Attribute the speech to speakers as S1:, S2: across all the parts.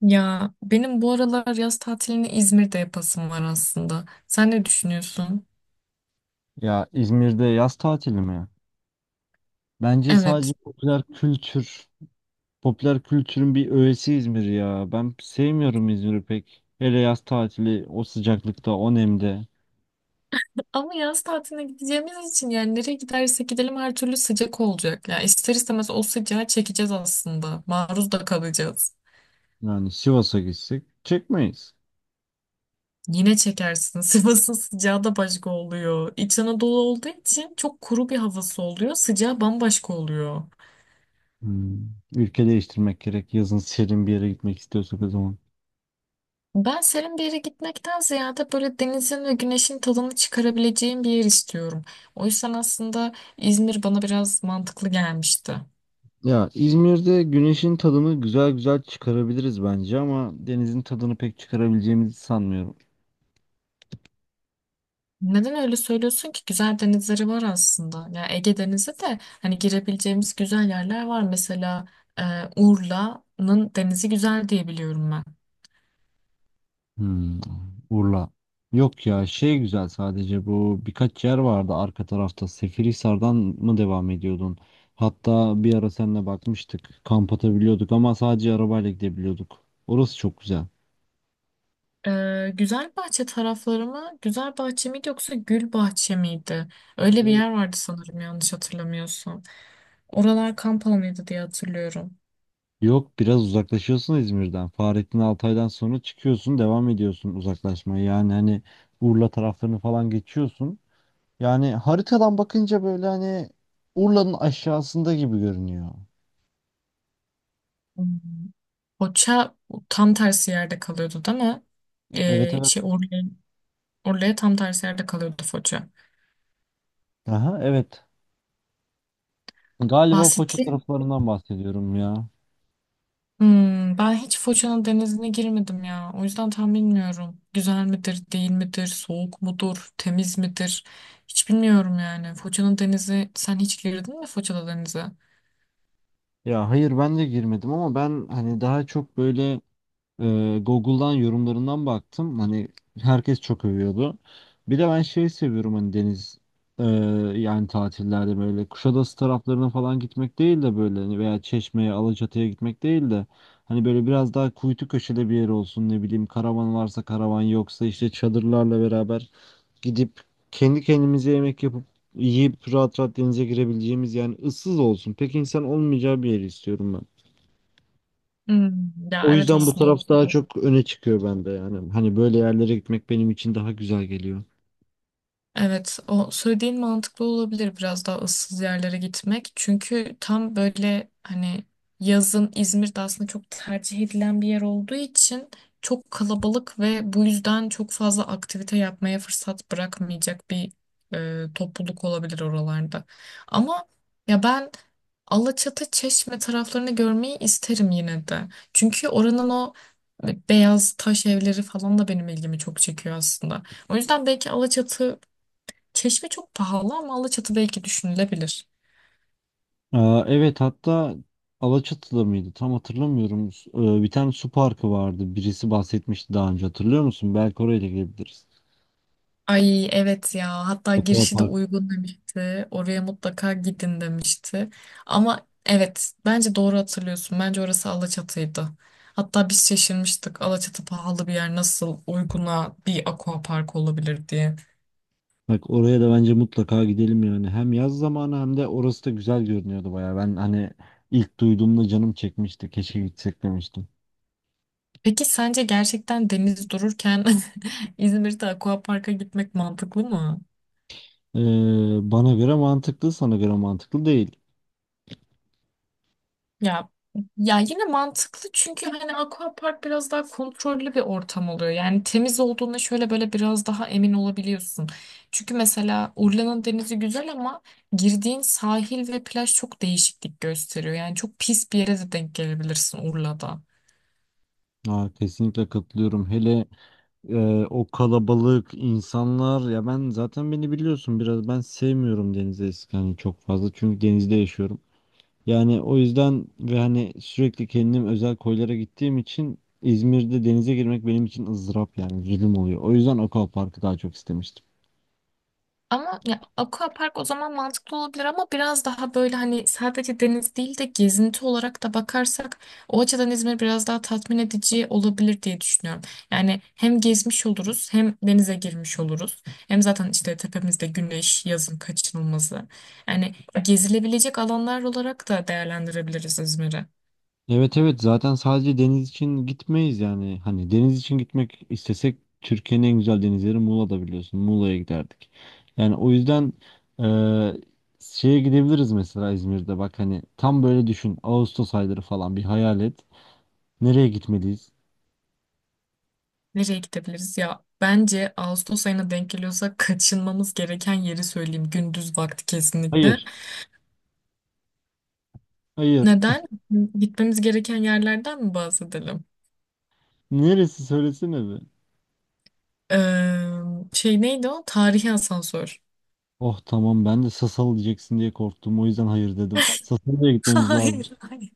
S1: Ya benim bu aralar yaz tatilini İzmir'de yapasım var aslında. Sen ne düşünüyorsun?
S2: Ya İzmir'de yaz tatili mi? Bence sadece
S1: Evet.
S2: popüler kültür, popüler kültürün bir öğesi İzmir ya. Ben sevmiyorum İzmir'i pek. Hele yaz tatili o sıcaklıkta, o nemde.
S1: Ama yaz tatiline gideceğimiz için yani nereye gidersek gidelim her türlü sıcak olacak. Ya ister istemez o sıcağı çekeceğiz aslında. Maruz da kalacağız.
S2: Yani Sivas'a gitsek çekmeyiz.
S1: Yine çekersin. Sivas'ın sıcağı da başka oluyor. İç Anadolu olduğu için çok kuru bir havası oluyor. Sıcağı bambaşka oluyor.
S2: Hmm. Ülke değiştirmek gerek. Yazın serin bir yere gitmek istiyorsak o zaman.
S1: Ben serin bir yere gitmekten ziyade böyle denizin ve güneşin tadını çıkarabileceğim bir yer istiyorum. O yüzden aslında İzmir bana biraz mantıklı gelmişti.
S2: Ya İzmir'de güneşin tadını güzel güzel çıkarabiliriz bence ama denizin tadını pek çıkarabileceğimizi sanmıyorum.
S1: Neden öyle söylüyorsun ki? Güzel denizleri var aslında. Ya Ege Denizi de hani girebileceğimiz güzel yerler var. Mesela e, Urla'nın denizi güzel diye biliyorum ben.
S2: Hmm, Urla. Yok ya güzel sadece bu birkaç yer vardı arka tarafta. Seferihisar'dan mı devam ediyordun? Hatta bir ara seninle bakmıştık. Kamp atabiliyorduk ama sadece arabayla gidebiliyorduk. Orası çok güzel.
S1: Güzelbahçe tarafları mı? Güzelbahçe miydi yoksa Gülbahçe miydi? Öyle bir
S2: Buraya-
S1: yer vardı sanırım yanlış hatırlamıyorsam. Oralar kamp alanıydı diye hatırlıyorum.
S2: Yok biraz uzaklaşıyorsun İzmir'den. Fahrettin Altay'dan sonra çıkıyorsun devam ediyorsun uzaklaşmaya. Yani hani Urla taraflarını falan geçiyorsun. Yani haritadan bakınca böyle hani Urla'nın aşağısında gibi görünüyor.
S1: Hmm. Foça tam tersi yerde kalıyordu değil mi?
S2: Evet
S1: Ee,
S2: evet.
S1: şey Urla, Urla'ya tam tersi yerde kalıyordu Foça.
S2: Aha evet. Galiba Foça
S1: Bahsetti.
S2: taraflarından bahsediyorum ya.
S1: Hmm, ben hiç Foça'nın denizine girmedim ya. O yüzden tam bilmiyorum. Güzel midir, değil midir, soğuk mudur, temiz midir? Hiç bilmiyorum yani. Foça'nın denizi, sen hiç girdin mi Foça'da denize?
S2: Ya hayır ben de girmedim ama ben hani daha çok böyle Google'dan yorumlarından baktım. Hani herkes çok övüyordu. Bir de ben seviyorum hani deniz e, yani tatillerde böyle Kuşadası taraflarına falan gitmek değil de böyle hani veya Çeşme'ye, Alaçatı'ya gitmek değil de hani böyle biraz daha kuytu köşede bir yer olsun ne bileyim karavan varsa karavan yoksa işte çadırlarla beraber gidip kendi kendimize yemek yapıp yiyip rahat rahat denize girebileceğimiz yani ıssız olsun. Pek insan olmayacağı bir yeri istiyorum ben.
S1: Hmm, ya
S2: O
S1: evet
S2: yüzden bu
S1: aslında
S2: taraf daha çok öne çıkıyor bende yani. Hani böyle yerlere gitmek benim için daha güzel geliyor.
S1: evet o söylediğin mantıklı olabilir, biraz daha ıssız yerlere gitmek. Çünkü tam böyle hani yazın İzmir'de aslında çok tercih edilen bir yer olduğu için çok kalabalık ve bu yüzden çok fazla aktivite yapmaya fırsat bırakmayacak bir topluluk olabilir oralarda. Ama ya ben Alaçatı, Çeşme taraflarını görmeyi isterim yine de. Çünkü oranın o beyaz taş evleri falan da benim ilgimi çok çekiyor aslında. O yüzden belki Alaçatı, Çeşme çok pahalı ama Alaçatı belki düşünülebilir.
S2: Aa, evet hatta Alaçatı'da mıydı? Tam hatırlamıyorum. Su- bir tane su parkı vardı. Birisi bahsetmişti daha önce hatırlıyor musun? Belki oraya da gidebiliriz.
S1: Ay evet ya, hatta girişi de
S2: Aquapark.
S1: uygun demişti. Oraya mutlaka gidin demişti. Ama evet, bence doğru hatırlıyorsun. Bence orası Alaçatı'ydı. Hatta biz şaşırmıştık, Alaçatı pahalı bir yer nasıl uyguna bir aquapark olabilir diye.
S2: Bak oraya da bence mutlaka gidelim yani. Hem yaz zamanı hem de orası da güzel görünüyordu baya. Ben hani ilk duyduğumda canım çekmişti. Keşke gitsek demiştim.
S1: Peki sence gerçekten deniz dururken İzmir'de aquaparka gitmek mantıklı mı?
S2: Ee, bana göre mantıklı, sana göre mantıklı değil.
S1: Ya ya yine mantıklı çünkü hani aquapark biraz daha kontrollü bir ortam oluyor. Yani temiz olduğuna şöyle böyle biraz daha emin olabiliyorsun. Çünkü mesela Urla'nın denizi güzel ama girdiğin sahil ve plaj çok değişiklik gösteriyor. Yani çok pis bir yere de denk gelebilirsin Urla'da.
S2: Ha, kesinlikle katılıyorum. Hele e, o kalabalık insanlar ya ben zaten beni biliyorsun biraz ben sevmiyorum denize eski hani çok fazla çünkü denizde yaşıyorum. Yani o yüzden ve hani sürekli kendim özel koylara gittiğim için İzmir'de denize girmek benim için ızdırap yani zulüm oluyor. O yüzden Aquapark'ı daha çok istemiştim.
S1: Ama ya aquapark o zaman mantıklı olabilir, ama biraz daha böyle hani sadece deniz değil de gezinti olarak da bakarsak o açıdan İzmir biraz daha tatmin edici olabilir diye düşünüyorum. Yani hem gezmiş oluruz hem denize girmiş oluruz. Hem zaten işte tepemizde güneş yazın kaçınılmazı. Yani gezilebilecek alanlar olarak da değerlendirebiliriz İzmir'i.
S2: Evet evet zaten sadece deniz için gitmeyiz yani. Hani deniz için gitmek istesek Türkiye'nin en güzel denizleri Muğla'da biliyorsun. Muğla'ya giderdik. Yani o yüzden eee, şeye gidebiliriz mesela İzmir'de. Bak hani tam böyle düşün. Ağustos ayları falan bir hayal et. Nereye gitmeliyiz?
S1: Nereye gidebiliriz? Ya bence Ağustos ayına denk geliyorsa kaçınmamız gereken yeri söyleyeyim. Gündüz vakti kesinlikle.
S2: Hayır. Hayır.
S1: Neden? Gitmemiz gereken yerlerden mi bahsedelim?
S2: Neresi söylesene be.
S1: Ee, Şey neydi o? Tarihi asansör.
S2: Oh tamam ben de Sasal diyeceksin diye korktum. O yüzden hayır dedim. Sasalı'ya gitmemiz lazım.
S1: Hayır, hayır.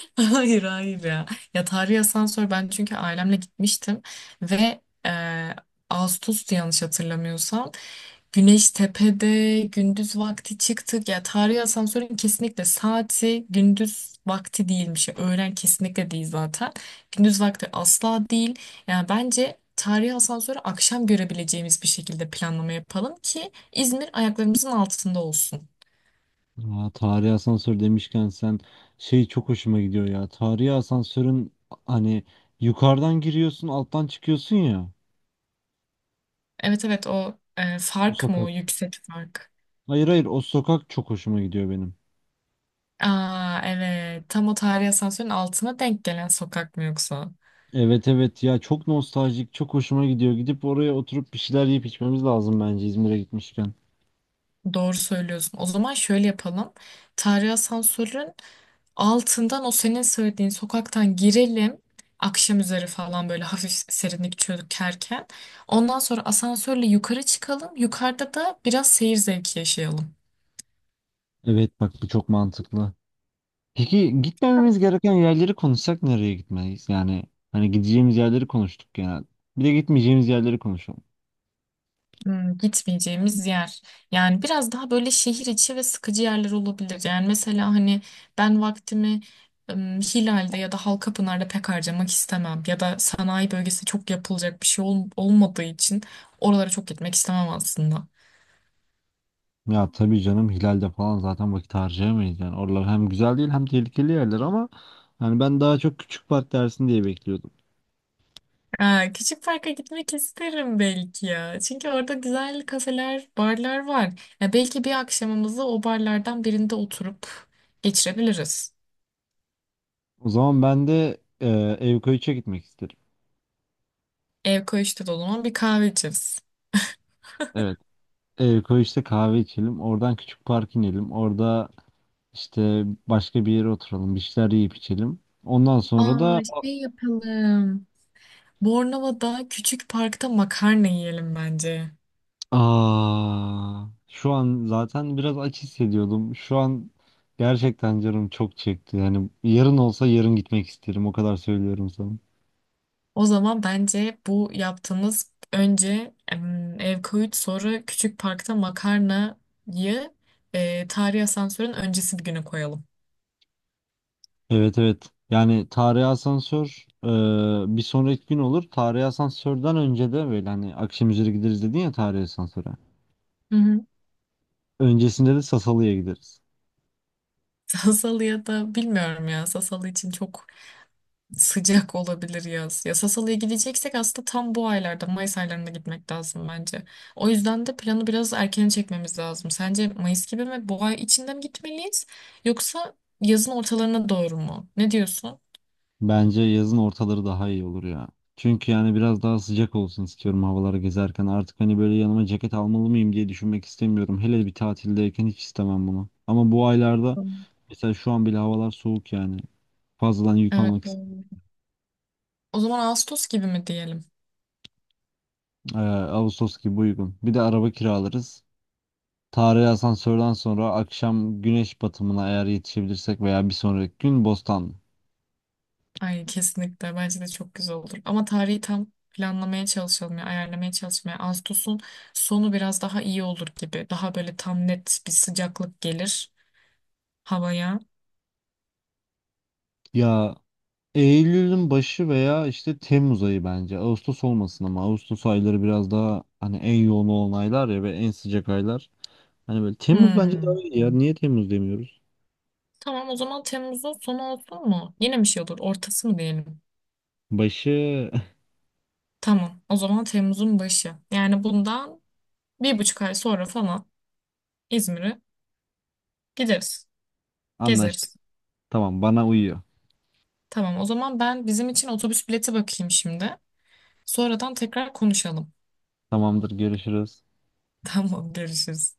S1: Hayır, hayır ya. Ya tarihi asansör, ben çünkü ailemle gitmiştim ve e, Ağustos'tu yanlış hatırlamıyorsam. Güneş tepede, gündüz vakti çıktık. Ya tarihi asansörün kesinlikle saati gündüz vakti değilmiş. Ya, öğlen kesinlikle değil zaten. Gündüz vakti asla değil. Yani bence tarihi asansörü akşam görebileceğimiz bir şekilde planlama yapalım ki İzmir ayaklarımızın altında olsun.
S2: Aa, tarihi asansör demişken sen çok hoşuma gidiyor ya. Tarihi asansörün hani yukarıdan giriyorsun alttan çıkıyorsun ya.
S1: Evet evet, o
S2: O
S1: fark mı, o
S2: sokak.
S1: yüksek fark?
S2: Hayır hayır o sokak çok hoşuma gidiyor benim.
S1: Aa evet, tam o tarihi asansörün altına denk gelen sokak mı yoksa?
S2: Evet evet ya çok nostaljik çok hoşuma gidiyor. Gidip oraya oturup bir şeyler yiyip içmemiz lazım bence İzmir'e gitmişken.
S1: Doğru söylüyorsun. O zaman şöyle yapalım. Tarihi asansörün altından, o senin söylediğin sokaktan girelim. Akşam üzeri falan, böyle hafif serinlik çökerken. Ondan sonra asansörle yukarı çıkalım. Yukarıda da biraz seyir zevki yaşayalım.
S2: Evet bak bu çok mantıklı. Peki gitmememiz gereken yerleri konuşsak nereye gitmeliyiz? Yani hani gideceğimiz yerleri konuştuk genel. Bir de gitmeyeceğimiz yerleri konuşalım.
S1: Hmm, gitmeyeceğimiz yer. Yani biraz daha böyle şehir içi ve sıkıcı yerler olabilir. Yani mesela hani ben vaktimi Hilal'de ya da Halkapınar'da pek harcamak istemem. Ya da sanayi bölgesi, çok yapılacak bir şey olmadığı için oralara çok gitmek istemem aslında.
S2: Ya tabii canım Hilal'de falan zaten vakit harcayamayız yani. Oralar hem güzel değil hem tehlikeli yerler ama yani ben daha çok küçük park dersin diye bekliyordum.
S1: Ha, küçük parka gitmek isterim belki ya. Çünkü orada güzel kafeler, barlar var. Ya belki bir akşamımızı o barlardan birinde oturup geçirebiliriz.
S2: O zaman ben de Evkoğaç'a gitmek isterim.
S1: Ev koğuşta da o zaman bir kahve içeriz.
S2: Evet. Evkoğaç'ta kahve içelim. Oradan küçük park inelim. Orada işte başka bir yere oturalım. Bir şeyler yiyip içelim. Ondan sonra
S1: Aa,
S2: da...
S1: şey yapalım. Bornova'da küçük parkta makarna yiyelim bence.
S2: Aa, şu an zaten biraz aç hissediyordum. Şu an gerçekten canım çok çekti. Yani yarın olsa yarın gitmek isterim. O kadar söylüyorum sana.
S1: O zaman bence bu yaptığımız, önce ev koyut, sonra küçük parkta makarnayı tarihi asansörün öncesi bir güne koyalım.
S2: Evet evet. Yani tarihi asansör bir sonraki gün olur. Tarihi asansörden önce de böyle hani akşam üzeri gideriz dedin ya tarihi asansöre.
S1: Hı hı.
S2: Öncesinde de Sasalı'ya gideriz.
S1: Sasalı'ya da bilmiyorum ya. Sasalı için çok sıcak olabilir yaz. Ya Sassal'a gideceksek aslında tam bu aylarda, Mayıs aylarında gitmek lazım bence. O yüzden de planı biraz erken çekmemiz lazım. Sence Mayıs gibi mi, bu ay içinde mi gitmeliyiz yoksa yazın ortalarına doğru mu? Ne diyorsun?
S2: Bence yazın ortaları daha iyi olur ya. Çünkü yani biraz daha sıcak olsun istiyorum havalara gezerken. Artık hani böyle yanıma ceket almalı mıyım diye düşünmek istemiyorum. Hele bir tatildeyken hiç istemem bunu. Ama bu aylarda
S1: Hmm.
S2: mesela şu an bile havalar soğuk yani. Fazladan yük
S1: Evet,
S2: almak istemiyorum.
S1: doğru. O zaman Ağustos gibi mi diyelim?
S2: Ee, Ağustos gibi uygun. Bir de araba kiralarız. Tarihi asansörden sonra akşam güneş batımına eğer yetişebilirsek veya bir sonraki gün Bostan.
S1: Ay kesinlikle, bence de çok güzel olur. Ama tarihi tam planlamaya çalışalım ya, ayarlamaya çalışmaya. Ağustos'un sonu biraz daha iyi olur gibi. Daha böyle tam net bir sıcaklık gelir havaya.
S2: Ya Eylül'ün başı veya işte Temmuz ayı bence. Ağustos olmasın ama Ağustos ayları biraz daha hani en yoğun olan aylar ya ve en sıcak aylar. Hani böyle Temmuz bence daha
S1: Hmm.
S2: iyi ya. Niye Temmuz demiyoruz?
S1: Tamam, o zaman Temmuz'un sonu olsun mu? Yine bir şey olur. Ortası mı diyelim?
S2: Başı.
S1: Tamam. O zaman Temmuz'un başı. Yani bundan 1,5 ay sonra falan İzmir'e gideriz.
S2: anlaştık.
S1: Gezeriz.
S2: Tamam bana uyuyor.
S1: Tamam, o zaman ben bizim için otobüs bileti bakayım şimdi. Sonradan tekrar konuşalım.
S2: Tamamdır görüşürüz.
S1: Tamam, görüşürüz.